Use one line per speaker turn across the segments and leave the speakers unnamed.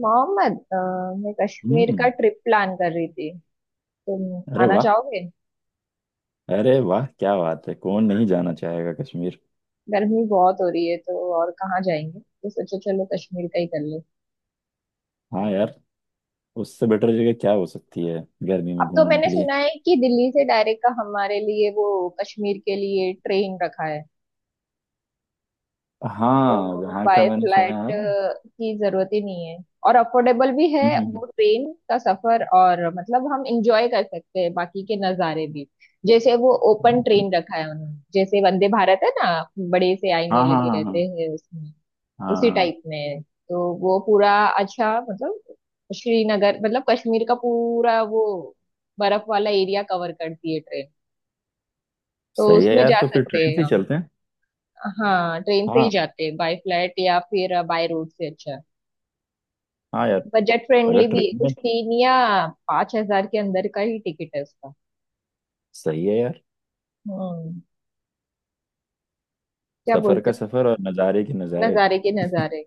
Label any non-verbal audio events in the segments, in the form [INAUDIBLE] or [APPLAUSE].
मोहम्मद, मैं कश्मीर
हम्म।
का ट्रिप प्लान कर रही थी। तुम
अरे
आना
वाह।
चाहोगे?
अरे वाह, क्या बात है! कौन नहीं जाना चाहेगा कश्मीर।
गर्मी बहुत हो रही है तो और कहाँ जाएंगे, तो सोचो चलो कश्मीर का ही कर ले।
हाँ यार। उससे बेटर जगह क्या हो सकती है गर्मी में
अब तो
घूमने
मैंने
के लिए।
सुना है कि दिल्ली से डायरेक्ट का हमारे लिए वो कश्मीर के लिए ट्रेन रखा है,
हाँ,
तो
वहाँ का
बाय
मैंने
फ्लाइट
सुना है।
की जरूरत ही नहीं है, और अफोर्डेबल भी है।
हम्म,
वो ट्रेन का सफर, और मतलब हम इंजॉय कर सकते हैं बाकी के नज़ारे भी। जैसे वो ओपन
बिल्कुल।
ट्रेन रखा है उन्होंने, जैसे वंदे भारत है ना, बड़े से आईने
हाँ, हाँ,
लगे रहते
हाँ,
हैं उसमें,
हाँ,
उसी
हाँ।
टाइप में है। तो वो पूरा, अच्छा मतलब श्रीनगर, मतलब कश्मीर का पूरा वो बर्फ वाला एरिया कवर करती है ट्रेन, तो
सही है
उसमें
यार,
जा
तो फिर
सकते
ट्रेन से
हैं
ही
हम।
चलते हैं।
हाँ ट्रेन से ही
हाँ,
जाते हैं, बाय फ्लाइट या फिर बाय रोड से अच्छा।
हाँ यार।
बजट
अगर
फ्रेंडली भी है,
ट्रेन में।
कुछ तीन या 5,000 के अंदर का ही टिकट है उसका।
सही है यार।
हम्म। क्या
सफर
बोलते
का
हैं,
सफर और नज़ारे के नज़ारे।
नजारे के नजारे।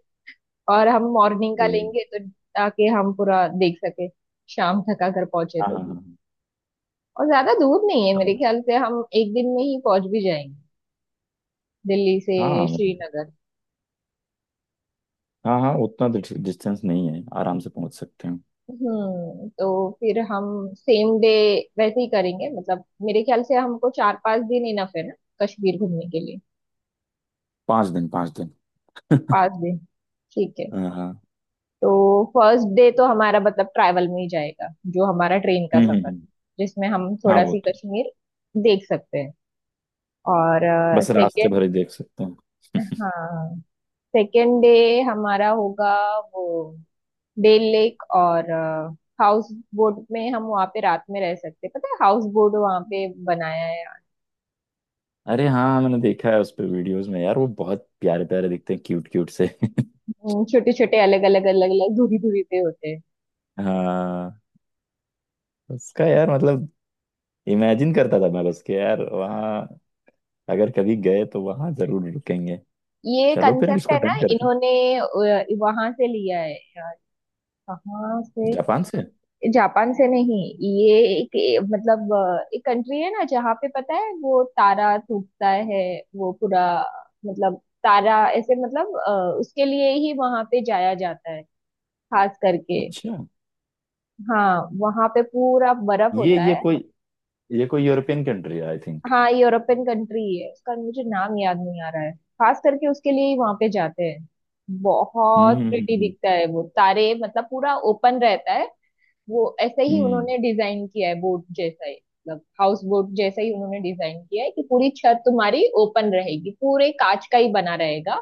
और हम मॉर्निंग का
तो,
लेंगे तो, ताकि हम पूरा देख सके। शाम तक अगर पहुंचे
हाँ,
तो भी,
हाँ,
और ज्यादा दूर नहीं है, मेरे
हाँ,
ख्याल से हम एक दिन में ही पहुंच भी जाएंगे, दिल्ली से
हाँ, हाँ, मतलब-
श्रीनगर।
हाँ, हाँ, उतना डिस्टेंस नहीं है, आराम से पहुंच सकते हैं।
हम्म। तो फिर हम सेम डे वैसे ही करेंगे। मतलब मेरे ख्याल से हमको 4 5 दिन इनफ है ना कश्मीर घूमने के लिए।
पाँच दिन, पाँच दिन।
5 दिन, ठीक है।
हाँ, हाँ।
तो फर्स्ट डे तो हमारा मतलब ट्रैवल में ही जाएगा, जो हमारा ट्रेन का
हम्म,
सफर, जिसमें हम
हाँ,
थोड़ा
वो
सी
तो
कश्मीर देख सकते हैं। और
बस रास्ते
सेकेंड,
भर ही देख सकते हैं।
हाँ सेकेंड डे हमारा होगा वो डेल लेक और हाउस बोट में हम वहाँ पे रात में रह सकते हैं, पता है हाउस बोट वहाँ पे बनाया है।
अरे हाँ, मैंने देखा है उस पे वीडियोस में यार, वो बहुत प्यारे प्यारे दिखते हैं, क्यूट क्यूट से। [LAUGHS]
छोटे छोटे, अलग अलग दूरी दूरी पे होते हैं।
हाँ, उसका यार, मतलब इमेजिन करता था मैं, बस के यार वहाँ अगर कभी गए तो वहाँ जरूर रुकेंगे।
ये
चलो फिर
कंसेप्ट
इसको
है ना,
डन करते हैं।
इन्होंने वहां से लिया है यार। कहाँ से?
जापान से।
जापान से नहीं, ये एक एक कंट्री है ना जहाँ पे, पता है वो तारा टूटता है वो पूरा, मतलब तारा ऐसे, मतलब उसके लिए ही वहां पे जाया जाता है, खास करके।
अच्छा।
हाँ वहां पे पूरा बर्फ
ये
होता
ये
है।
कोई, ये कोई यूरोपियन कंट्री है, आई थिंक।
हाँ यूरोपियन कंट्री है, उसका मुझे नाम याद नहीं आ रहा है। खास करके उसके लिए ही वहां पे जाते हैं,
हम्म,
बहुत
हम्म,
प्रिटी
हम्म,
दिखता है वो तारे, मतलब पूरा ओपन रहता है। वो ऐसे ही
हम्म।
उन्होंने डिजाइन किया है, बोट जैसा ही, मतलब हाउस बोट जैसा ही उन्होंने डिजाइन किया है कि पूरी छत तुम्हारी ओपन रहेगी, पूरे कांच का ही बना रहेगा,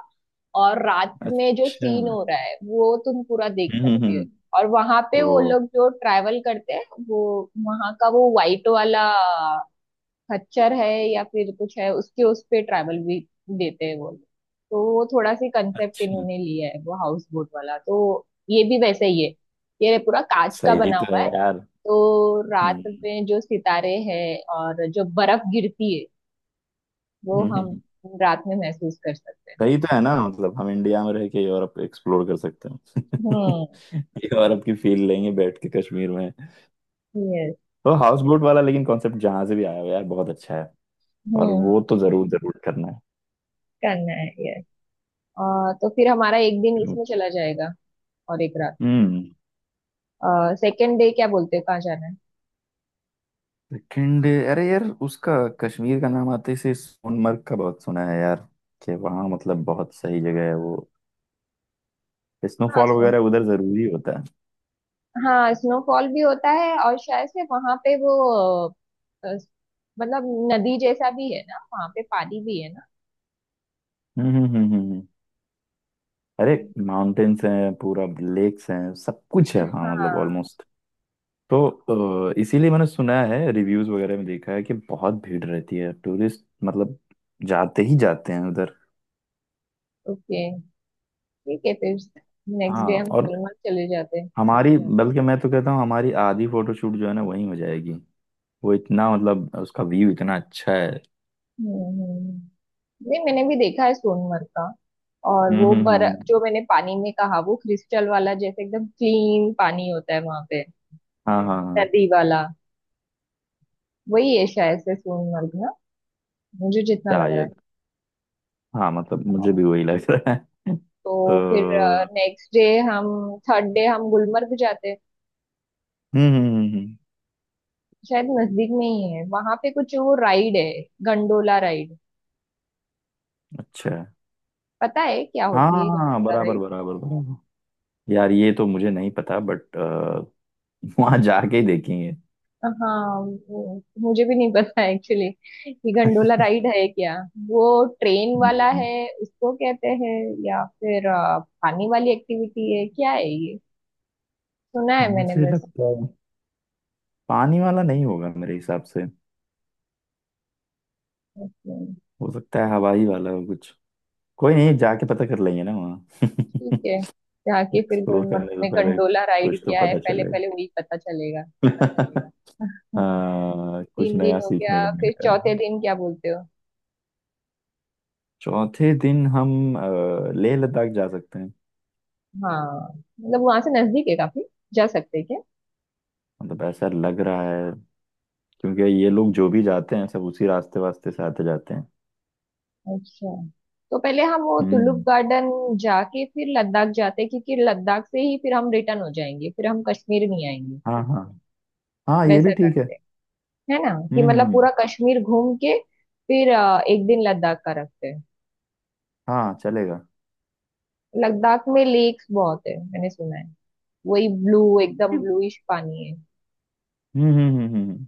और रात में जो
अच्छा।
सीन
हम्म,
हो रहा है वो तुम पूरा देख
हम्म,
सकते
हम्म।
हो। और वहां पे वो
वो,
लोग जो ट्रैवल करते हैं, वो वहां का वो वाइट वाला खच्चर है या फिर कुछ है, उसके उस पे ट्रैवल भी देते हैं वो लोग। तो वो थोड़ा सी कंसेप्ट
अच्छा।
इन्होंने लिया है वो हाउस बोट वाला, तो ये भी वैसे ही है, ये पूरा कांच का
सही
बना
तो
हुआ
है
है।
यार।
तो रात
हम्म,
में जो सितारे हैं और जो बर्फ गिरती है वो
हम्म, हम्म,
हम
हम्म।
रात में महसूस कर सकते हैं।
सही तो है ना, मतलब हम इंडिया में रह के यूरोप एक्सप्लोर कर सकते हैं।
हम्म।
[LAUGHS] यूरोप की फील लेंगे बैठ के कश्मीर में।
यस।
तो हाउस बोट वाला, लेकिन कॉन्सेप्ट जहां से भी आया हो यार, बहुत अच्छा है। और
हम्म।
वो तो जरूर जरूर करना है।
करना है, यस। तो फिर हमारा एक दिन इसमें चला जाएगा, और एक रात।
हम्म।
सेकेंड डे क्या बोलते हैं, कहाँ जाना है?
सेकंड, अरे यार, उसका कश्मीर का नाम आते से सोनमर्ग का बहुत सुना है यार, कि वहाँ मतलब बहुत सही जगह है वो।
हाँ
स्नोफॉल
सो,
वगैरह उधर जरूरी होता है।
हाँ स्नोफॉल भी होता है, और शायद से वहां पे वो, अ, अ, मतलब नदी जैसा भी है ना, वहां पे पानी भी है ना।
हम्म, हम्म, हम्म, अरे,
हम्म।
माउंटेन्स हैं पूरा, लेक्स हैं, सब कुछ है, हाँ, मतलब
हाँ।
ऑलमोस्ट। तो इसीलिए मैंने सुना है, रिव्यूज वगैरह में देखा है कि बहुत भीड़ रहती है टूरिस्ट, मतलब जाते ही जाते हैं उधर।
ओके, ठीक है फिर। नेक्स्ट डे
हाँ,
हम
और
सोलमर्ग चले जाते हैं।
हमारी, बल्कि मैं तो कहता हूँ हमारी आधी फोटोशूट जो है ना, वहीं हो जाएगी। वो इतना, मतलब उसका व्यू इतना अच्छा है।
हम्म। हम्म। नहीं मैंने भी देखा है सोनमर्ग का, और
हम्म,
वो
हम्म,
बर
हम्म,
जो मैंने पानी में कहा, वो क्रिस्टल वाला जैसे एकदम क्लीन पानी होता है वहां पे,
हाँ, हाँ, हाँ।
नदी वाला, वही है शायद से सोनमर्ग ना, मुझे जितना लग रहा है।
शायद। हाँ, मतलब मुझे भी वही लग रहा है।
तो
[LAUGHS] तो
फिर नेक्स्ट डे हम, थर्ड डे हम गुलमर्ग जाते हैं।
हम्म, हम्म,
शायद नजदीक में ही है, वहां पे कुछ वो राइड है, गंडोला राइड।
अच्छा।
पता है क्या
हाँ,
होती
हाँ,
है
हाँ, हाँ,
गंडोला?
बराबर, बराबर, बराबर। यार, ये तो मुझे नहीं पता, बट वहां [LAUGHS] जाके ही देखेंगे।
हाँ, वो मुझे भी नहीं पता एक्चुअली कि गंडोला राइड है क्या। वो ट्रेन वाला
हम्म,
है उसको कहते हैं, या फिर पानी वाली एक्टिविटी है, क्या है ये। सुना है मैंने
मुझे
बस।
लगता है पानी वाला नहीं होगा मेरे हिसाब से।
हम्म।
हो सकता है हवाई वाला हो कुछ। कोई नहीं, जाके पता कर लेंगे ना वहाँ।
ठीक
[LAUGHS]
है, जाके फिर
एक्सप्लोर
गुलमर्ग
करने से
में
पहले
गंडोला राइड
कुछ तो
क्या है
पता
पहले
चले।
पहले वही पता चलेगा।
[LAUGHS]
हम्म।
कुछ
तीन
नया
दिन हो
सीखने को
गया, फिर
मिलेगा।
चौथे दिन क्या बोलते हो?
चौथे दिन हम लेह लद्दाख जा सकते हैं।
हाँ, मतलब वहां से नजदीक है काफी, जा सकते हैं क्या।
मतलब ऐसा लग रहा है, क्योंकि ये लोग जो भी जाते हैं सब उसी रास्ते वास्ते से आते जाते हैं।
अच्छा, तो पहले हम वो तुलुप
हम्म।
गार्डन जाके फिर लद्दाख जाते हैं, क्योंकि लद्दाख से ही फिर हम रिटर्न हो जाएंगे, फिर हम कश्मीर नहीं आएंगे।
हाँ, हाँ, हाँ, ये भी
वैसा
ठीक है।
करते हैं, है ना? कि
हम्म, हम्म,
मतलब पूरा कश्मीर घूम के फिर एक दिन लद्दाख का रखते हैं।
हाँ, चलेगा।
लद्दाख में लेक्स बहुत है मैंने सुना है, वही ब्लू, एकदम ब्लूइश पानी है।
हम्म, हम्म, हम्म, हम्म।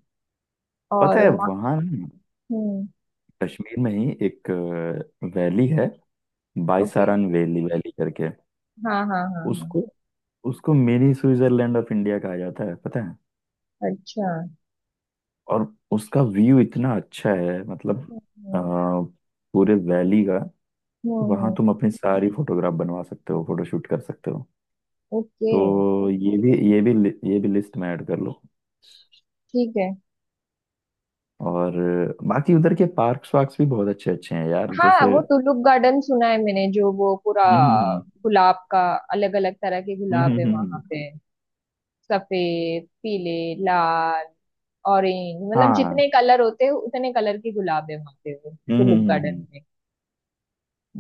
पता
और
है
वहाँ,
वहाँ ना,
हम्म।
कश्मीर में ही एक वैली है,
ओके।
बाईसारन वैली वैली करके।
हाँ हाँ हाँ हाँ।
उसको उसको मिनी स्विट्जरलैंड ऑफ इंडिया कहा जाता है, पता है।
अच्छा।
और उसका व्यू इतना अच्छा है, मतलब
हम्म
अ, पूरे वैली का। वहाँ
हम्म।
तुम अपनी सारी फोटोग्राफ बनवा सकते हो, फोटोशूट कर सकते हो।
ओके।
तो ये भी लिस्ट में ऐड कर लो।
ठीक है।
और बाकी उधर के पार्क्स वार्क्स भी बहुत अच्छे अच्छे हैं यार,
हाँ
जैसे
वो टुलिप गार्डन सुना है मैंने, जो वो पूरा
हम्म, हम्म, हम्म,
गुलाब का, अलग अलग तरह के
हम्म,
गुलाब है वहां
हम्म।
पे, सफेद, पीले, लाल, ऑरेंज, मतलब
हाँ,
जितने कलर होते हैं उतने कलर के गुलाब है वहां पे, वो
हम्म, हम्म,
टुलिप
हम्म,
गार्डन में।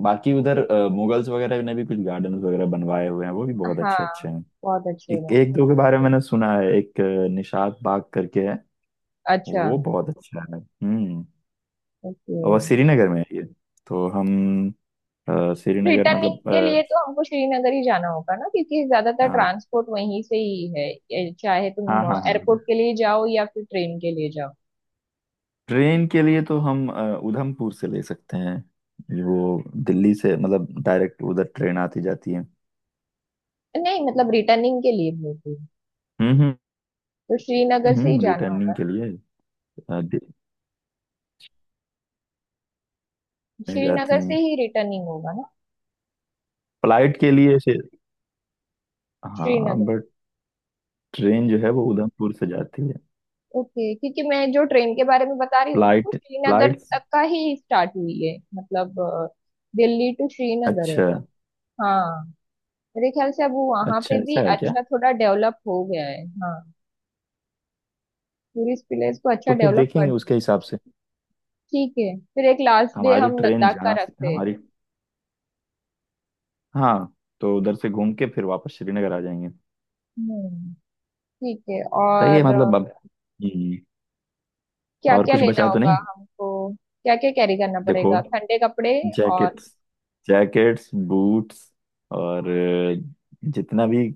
बाकी उधर मुगल्स वगैरह ने भी कुछ गार्डन वगैरह बनवाए हुए हैं, वो भी बहुत अच्छे
हाँ,
अच्छे हैं।
बहुत अच्छे
एक
हैं।
एक दो के बारे में मैंने सुना है, एक निशात बाग करके है।
अच्छा,
वो बहुत अच्छा है। हम्म।
ओके।
और श्रीनगर में है ये। तो हम श्रीनगर
रिटर्निंग
मतलब
के लिए तो हमको श्रीनगर ही जाना होगा ना, क्योंकि ज्यादातर
हाँ,
ट्रांसपोर्ट वहीं से ही है ये, चाहे
हाँ,
तुम
हाँ, हाँ।
एयरपोर्ट के लिए जाओ या फिर ट्रेन के लिए जाओ।
ट्रेन के लिए तो हम उधमपुर से ले सकते हैं। वो दिल्ली से मतलब डायरेक्ट उधर ट्रेन आती जाती है।
नहीं मतलब रिटर्निंग के लिए बोलती,
हम्म,
तो श्रीनगर
हम्म,
से ही
हम्म,
जाना
रिटर्निंग
होगा।
के लिए दिल्ली में जाती
श्रीनगर से
हैं,
ही रिटर्निंग होगा ना,
फ्लाइट के लिए से। हाँ,
श्रीनगर में।
बट ट्रेन जो है वो उधमपुर से जाती है।
ओके, क्योंकि मैं जो ट्रेन के बारे में बता रही हूँ ना, वो
फ्लाइट,
श्रीनगर
फ्लाइट।
तक का ही स्टार्ट हुई है, मतलब दिल्ली टू श्रीनगर है।
अच्छा।
हाँ, मेरे ख्याल से अब वो वहां
अच्छा,
पे भी
ऐसा है क्या?
अच्छा थोड़ा डेवलप हो गया है। हाँ, टूरिस्ट प्लेस को अच्छा
तो फिर
डेवलप
देखेंगे
कर
उसके
दिया।
हिसाब से।
ठीक है, फिर एक लास्ट डे
हमारी
हम
ट्रेन
लद्दाख का
जहाँ से
रखते हैं।
हमारी, हाँ, तो उधर से घूम के फिर वापस श्रीनगर आ जाएंगे।
हम्म। ठीक है,
सही है,
और
मतलब अब हम्म,
क्या
और
क्या
कुछ
लेना
बचा तो
होगा
नहीं?
हमको, क्या क्या कैरी करना
देखो,
पड़ेगा? ठंडे कपड़े,
जैकेट्स, जैकेट्स, बूट्स और जितना भी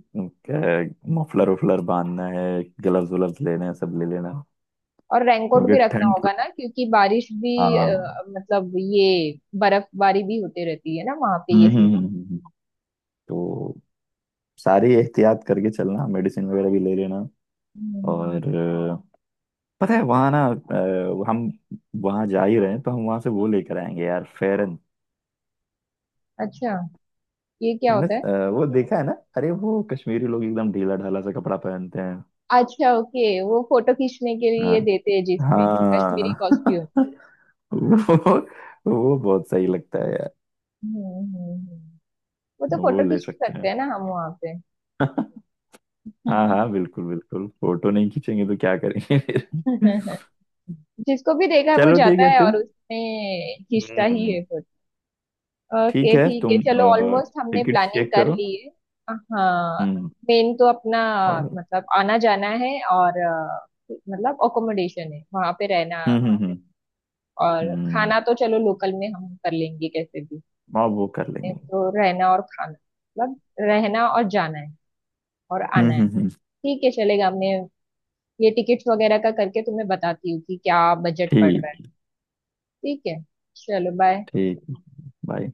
मफलर उफलर बांधना है, ग्लव्स व्लव्स लेने हैं, सब ले लेना,
और रेनकोट
क्योंकि
भी रखना
ठंड।
होगा ना, क्योंकि बारिश भी
हाँ,
मतलब ये बर्फबारी भी होती रहती है ना वहां पे
हम्म,
ये
हम्म,
सीजन।
तो सारी एहतियात करके चलना, मेडिसिन वगैरह भी ले लेना।
हम्म, हम्म।
और पता है वहाँ ना, हम वहाँ जा ही रहे हैं तो हम वहाँ से वो लेकर आएंगे यार, फेरन।
अच्छा, ये क्या
तुमने
होता है?
वो देखा है ना, अरे वो कश्मीरी लोग एकदम ढीला ढाला सा कपड़ा पहनते हैं।
अच्छा ओके, वो फोटो खींचने के
हाँ,
लिए देते हैं जिसमें कश्मीरी
हाँ।
कॉस्ट्यूम।
[LAUGHS] वो वो बहुत सही लगता है यार।
हम्म, हम्म, हम्म। वो तो
वो
फोटो
ले
खींच
सकते
सकते
हैं।
हैं ना हम वहां पे।
[LAUGHS] हाँ, हाँ,
[LAUGHS]
बिल्कुल बिल्कुल, फोटो नहीं खींचेंगे तो क्या करेंगे फिर? [LAUGHS]
हम्म। जिसको भी देखा है वो
चलो, ठीक
जाता
है
है
तुम।
और उसमें खींचता ही
हम्म।
है।
ठीक
ओके
है,
ठीक है,
तुम
चलो ऑलमोस्ट हमने
टिकट
प्लानिंग
चेक
कर
करो।
ली है। हाँ,
हम्म।
मेन तो अपना
और
मतलब आना जाना है, और मतलब अकोमोडेशन है वहां पे रहना,
हम्म, हम्म, हम्म,
और
हम्म,
खाना तो चलो लोकल में हम कर लेंगे कैसे भी।
हाँ, वो कर लेंगे।
तो रहना और खाना, मतलब रहना, और जाना है, और
हम्म,
आना है।
हम्म,
ठीक है, चलेगा। हमने ये टिकट्स वगैरह का करके तुम्हें बताती हूँ कि क्या बजट पड़ रहा है।
ठीक।
ठीक है, चलो बाय।
ठीक, बाय।